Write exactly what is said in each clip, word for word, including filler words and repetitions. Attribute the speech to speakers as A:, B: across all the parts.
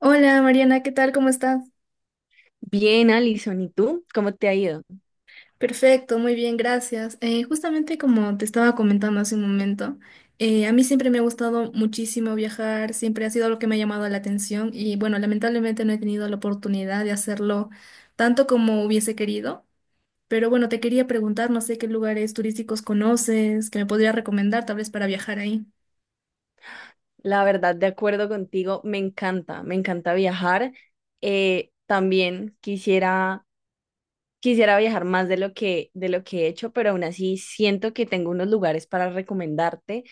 A: Hola Mariana, ¿qué tal? ¿Cómo estás?
B: Bien, Alison, ¿y tú? ¿Cómo te ha ido?
A: Perfecto, muy bien, gracias. Eh, justamente como te estaba comentando hace un momento, eh, a mí siempre me ha gustado muchísimo viajar, siempre ha sido algo que me ha llamado la atención y bueno, lamentablemente no he tenido la oportunidad de hacerlo tanto como hubiese querido, pero bueno, te quería preguntar, no sé qué lugares turísticos conoces, que me podría recomendar tal vez para viajar ahí.
B: La verdad, de acuerdo contigo, me encanta, me encanta viajar. Eh, también quisiera, quisiera viajar más de lo que, de lo que he hecho, pero aún así siento que tengo unos lugares para recomendarte,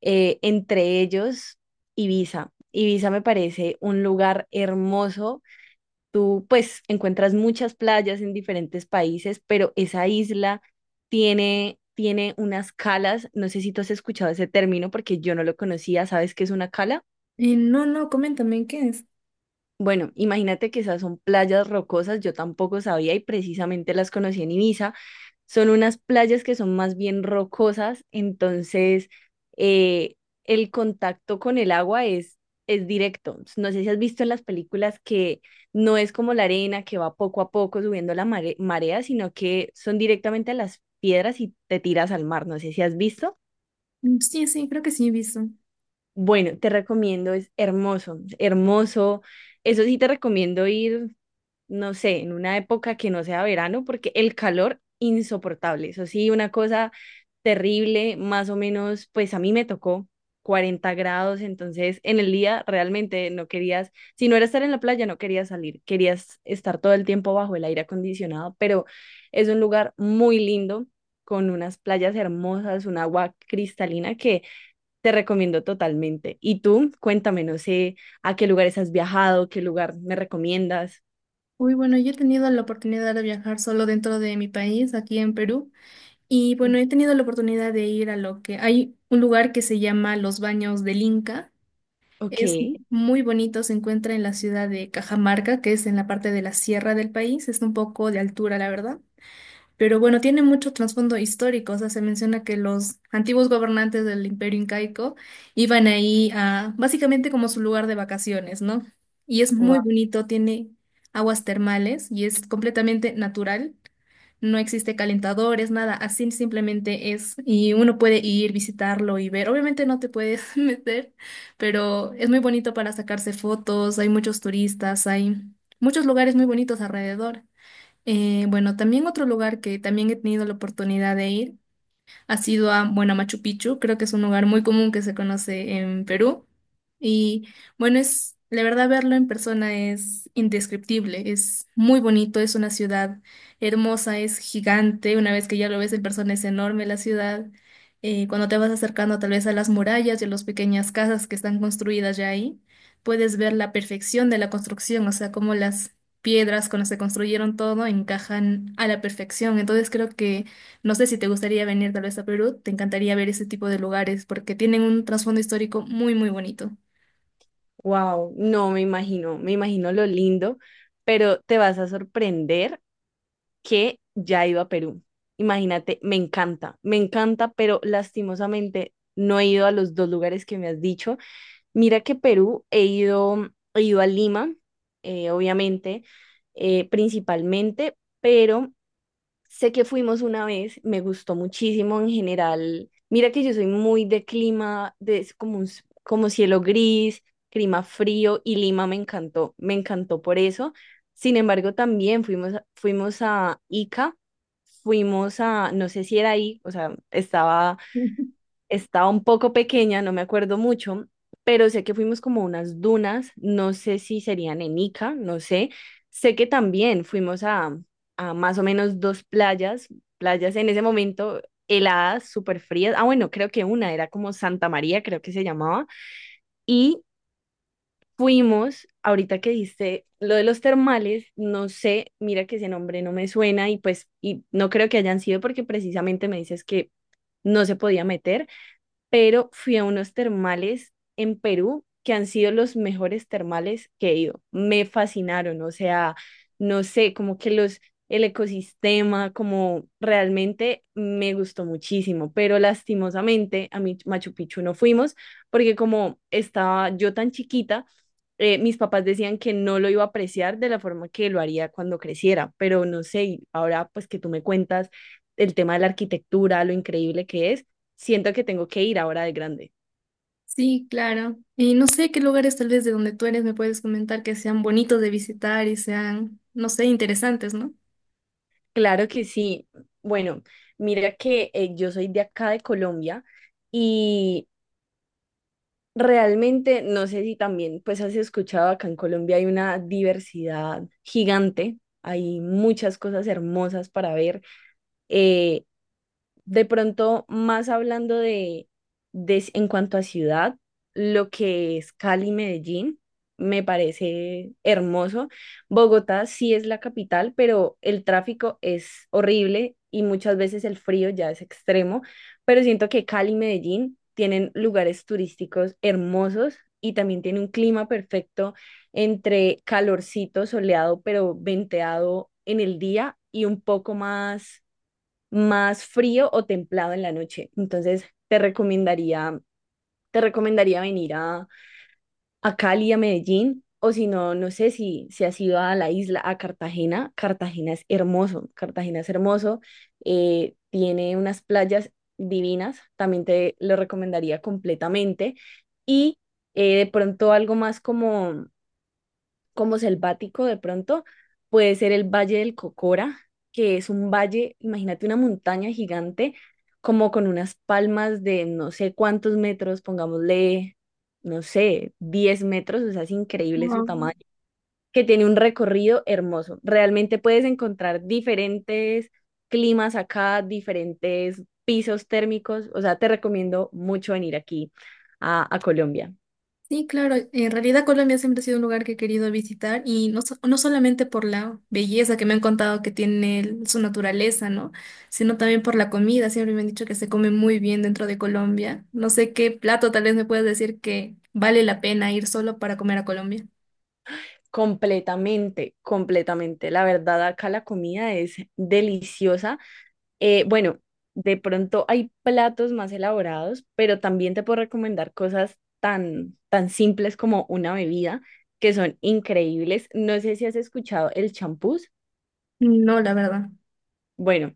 B: eh, entre ellos Ibiza. Ibiza me parece un lugar hermoso. Tú pues encuentras muchas playas en diferentes países, pero esa isla tiene, tiene unas calas. No sé si tú has escuchado ese término porque yo no lo conocía. ¿Sabes qué es una cala?
A: Eh, no, no, coméntame, ¿qué es?
B: Bueno, imagínate que esas son playas rocosas, yo tampoco sabía y precisamente las conocí en Ibiza. Son unas playas que son más bien rocosas, entonces eh, el contacto con el agua es, es directo. No sé si has visto en las películas que no es como la arena que va poco a poco subiendo la mare- marea, sino que son directamente a las piedras y te tiras al mar. No sé si has visto.
A: Mm. Sí, sí, creo que sí he visto.
B: Bueno, te recomiendo, es hermoso, hermoso. Eso sí, te recomiendo ir, no sé, en una época que no sea verano, porque el calor insoportable, eso sí, una cosa terrible. Más o menos, pues a mí me tocó cuarenta grados, entonces en el día realmente no querías, si no era estar en la playa, no querías salir, querías estar todo el tiempo bajo el aire acondicionado, pero es un lugar muy lindo, con unas playas hermosas, un agua cristalina que te recomiendo totalmente. Y tú, cuéntame, no sé, a qué lugares has viajado, qué lugar me recomiendas.
A: Uy, bueno, yo he tenido la oportunidad de viajar solo dentro de mi país, aquí en Perú. Y bueno, he tenido la oportunidad de ir a lo que hay un lugar que se llama Los Baños del Inca.
B: Ok.
A: Es muy bonito, se encuentra en la ciudad de Cajamarca, que es en la parte de la sierra del país. Es un poco de altura, la verdad. Pero bueno, tiene mucho trasfondo histórico. O sea, se menciona que los antiguos gobernantes del Imperio Incaico iban ahí a básicamente como su lugar de vacaciones, ¿no? Y es muy bonito, tiene aguas termales y es completamente natural. No existe calentadores, nada, así simplemente es. Y uno puede ir, visitarlo y ver. Obviamente no te puedes meter, pero es muy bonito para sacarse fotos. Hay muchos turistas, hay muchos lugares muy bonitos alrededor. Eh, bueno, también otro lugar que también he tenido la oportunidad de ir. ¿Has ido a, bueno, a Machu Picchu? Creo que es un lugar muy común que se conoce en Perú. Y bueno, es, la verdad, verlo en persona es indescriptible, es muy bonito, es una ciudad hermosa, es gigante, una vez que ya lo ves en persona es enorme la ciudad. Eh, cuando te vas acercando tal vez a las murallas y a las pequeñas casas que están construidas ya ahí, puedes ver la perfección de la construcción, o sea, cómo las piedras con las que construyeron todo encajan a la perfección. Entonces creo que no sé si te gustaría venir tal vez a Perú, te encantaría ver ese tipo de lugares porque tienen un trasfondo histórico muy, muy bonito.
B: Wow, no me imagino, me imagino lo lindo, pero te vas a sorprender que ya he ido a Perú. Imagínate, me encanta, me encanta, pero lastimosamente no he ido a los dos lugares que me has dicho. Mira que Perú he ido, he ido a Lima, eh, obviamente, eh, principalmente, pero sé que fuimos una vez, me gustó muchísimo en general. Mira que yo soy muy de clima, de es como un, s- como cielo gris, clima frío y Lima me encantó, me encantó por eso. Sin embargo, también fuimos, a- fuimos a Ica, fuimos a, no sé si era ahí, o sea, estaba estaba un poco pequeña, no me acuerdo mucho, pero sé que fuimos como a unas dunas, no sé si serían en Ica, no sé. Sé que también fuimos a, a más o menos dos playas, playas en ese momento heladas, súper frías. Ah, bueno, creo que una era como Santa María, creo que se llamaba. Y fuimos, ahorita que dijiste lo de los termales, no sé, mira que ese nombre no me suena y pues y no creo que hayan sido porque precisamente me dices que no se podía meter, pero fui a unos termales en Perú que han sido los mejores termales que he ido. Me fascinaron, o sea, no sé, como que los, el ecosistema, como realmente me gustó muchísimo, pero lastimosamente a mi Machu Picchu no fuimos porque como estaba yo tan chiquita, eh, mis papás decían que no lo iba a apreciar de la forma que lo haría cuando creciera, pero no sé, y ahora pues que tú me cuentas el tema de la arquitectura, lo increíble que es, siento que tengo que ir ahora de grande.
A: Sí, claro. Y no sé qué lugares tal vez de donde tú eres me puedes comentar que sean bonitos de visitar y sean, no sé, interesantes, ¿no?
B: Claro que sí. Bueno, mira que eh, yo soy de acá de Colombia y realmente no sé si también pues has escuchado acá en Colombia hay una diversidad gigante. Hay muchas cosas hermosas para ver. Eh, De pronto, más hablando de, de en cuanto a ciudad, lo que es Cali, Medellín, me parece hermoso. Bogotá sí es la capital, pero el tráfico es horrible y muchas veces el frío ya es extremo, pero siento que Cali y Medellín tienen lugares turísticos hermosos y también tiene un clima perfecto entre calorcito, soleado, pero venteado en el día y un poco más más frío o templado en la noche. Entonces, te recomendaría, te recomendaría venir a, a Cali, a Medellín, o si no, no sé si, si has ido a la isla, a Cartagena. Cartagena es hermoso, Cartagena es hermoso, eh, tiene unas playas divinas, también te lo recomendaría completamente. Y eh, de pronto algo más como como selvático de pronto, puede ser el Valle del Cocora, que es un valle, imagínate una montaña gigante, como con unas palmas de no sé cuántos metros, pongámosle, no sé, diez metros, o sea, es increíble su
A: Wow.
B: tamaño, que tiene un recorrido hermoso. Realmente puedes encontrar diferentes climas acá, diferentes pisos térmicos, o sea, te recomiendo mucho venir aquí a, a Colombia.
A: Sí, claro. En realidad Colombia siempre ha sido un lugar que he querido visitar y no, so- no solamente por la belleza que me han contado que tiene el- su naturaleza, ¿no? Sino también por la comida. Siempre me han dicho que se come muy bien dentro de Colombia. No sé qué plato tal vez me puedas decir que vale la pena ir solo para comer a Colombia.
B: Completamente, completamente. La verdad, acá la comida es deliciosa. Eh, bueno, de pronto hay platos más elaborados, pero también te puedo recomendar cosas tan, tan simples como una bebida, que son increíbles. No sé si has escuchado el champús.
A: No, la verdad.
B: Bueno,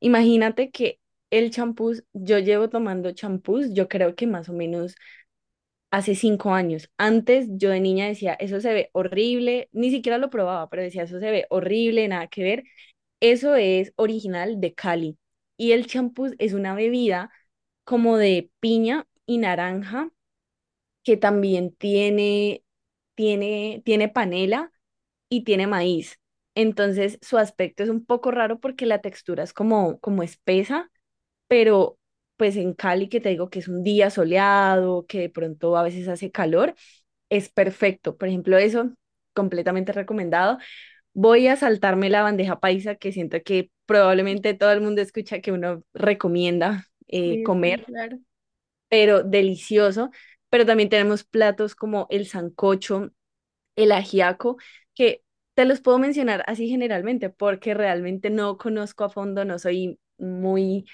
B: imagínate que el champús, yo llevo tomando champús, yo creo que más o menos hace cinco años. Antes yo de niña decía, eso se ve horrible, ni siquiera lo probaba, pero decía, eso se ve horrible, nada que ver. Eso es original de Cali. Y el champús es una bebida como de piña y naranja, que también tiene, tiene, tiene panela y tiene maíz. Entonces su aspecto es un poco raro porque la textura es como, como espesa, pero pues en Cali que te digo que es un día soleado, que de pronto a veces hace calor, es perfecto. Por ejemplo, eso, completamente recomendado. Voy a saltarme la bandeja paisa, que siento que probablemente todo el mundo escucha que uno recomienda eh,
A: Sí, sí,
B: comer,
A: claro.
B: pero delicioso. Pero también tenemos platos como el sancocho, el ajiaco, que te los puedo mencionar así generalmente, porque realmente no conozco a fondo, no soy muy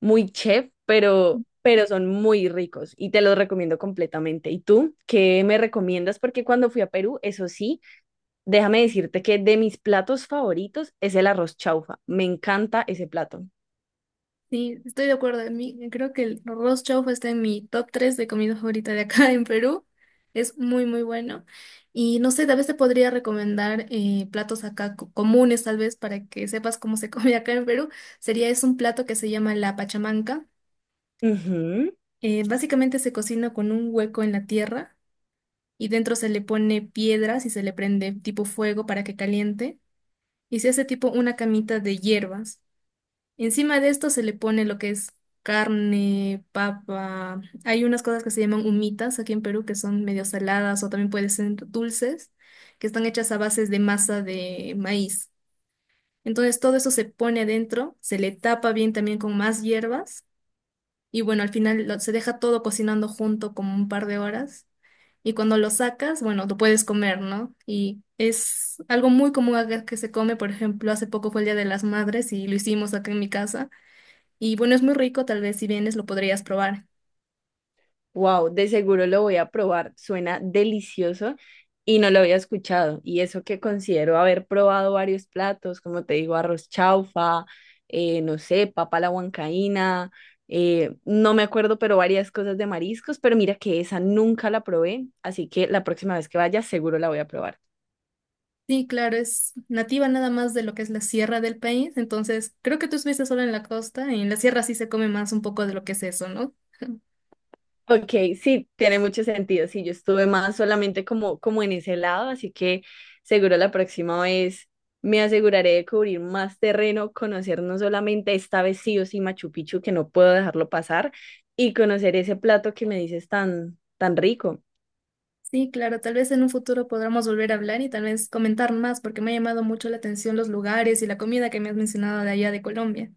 B: muy chef, pero, pero son muy ricos y te los recomiendo completamente. ¿Y tú qué me recomiendas? Porque cuando fui a Perú, eso sí, déjame decirte que de mis platos favoritos es el arroz chaufa. Me encanta ese plato.
A: Sí, estoy de acuerdo. A mí, creo que el arroz chaufa está en mi top tres de comida favorita de acá en Perú. Es muy, muy bueno. Y no sé, tal vez te podría recomendar eh, platos acá co- comunes, tal vez, para que sepas cómo se come acá en Perú. Sería, es un plato que se llama la pachamanca.
B: Ujú.
A: Eh, básicamente se cocina con un hueco en la tierra y dentro se le pone piedras y se le prende tipo fuego para que caliente. Y se hace tipo una camita de hierbas. Encima de esto se le pone lo que es carne, papa. Hay unas cosas que se llaman humitas aquí en Perú que son medio saladas o también pueden ser dulces, que están hechas a bases de masa de maíz. Entonces todo eso se pone adentro, se le tapa bien también con más hierbas y bueno, al final lo- se deja todo cocinando junto como un par de horas y cuando lo sacas, bueno, lo puedes comer, ¿no? Y es algo muy común acá que se come, por ejemplo, hace poco fue el Día de las Madres y lo hicimos acá en mi casa. Y bueno, es muy rico, tal vez si vienes lo podrías probar.
B: Wow, de seguro lo voy a probar. Suena delicioso y no lo había escuchado. Y eso que considero haber probado varios platos, como te digo, arroz chaufa, eh, no sé, papa a la huancaína, eh, no me acuerdo, pero varias cosas de mariscos. Pero mira que esa nunca la probé, así que la próxima vez que vaya seguro la voy a probar.
A: Sí, claro, es nativa nada más de lo que es la sierra del país, entonces creo que tú estuviste solo en la costa y en la sierra sí se come más un poco de lo que es eso, ¿no?
B: Ok, sí, tiene mucho sentido. Sí, yo estuve más solamente como, como en ese lado, así que seguro la próxima vez me aseguraré de cubrir más terreno, conocer no solamente esta vez sí o sí Machu Picchu, que no puedo dejarlo pasar, y conocer ese plato que me dices tan, tan rico.
A: Sí, claro, tal vez en un futuro podamos volver a hablar y tal vez comentar más porque me ha llamado mucho la atención los lugares y la comida que me has mencionado de allá de Colombia.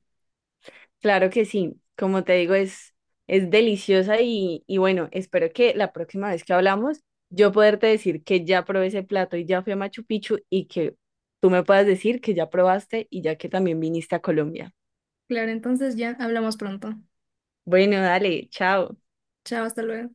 B: Claro que sí, como te digo, es, es deliciosa y, y bueno, espero que la próxima vez que hablamos yo poderte decir que ya probé ese plato y ya fui a Machu Picchu y que tú me puedas decir que ya probaste y ya que también viniste a Colombia.
A: Claro, entonces ya hablamos pronto.
B: Bueno, dale, chao.
A: Chao, hasta luego.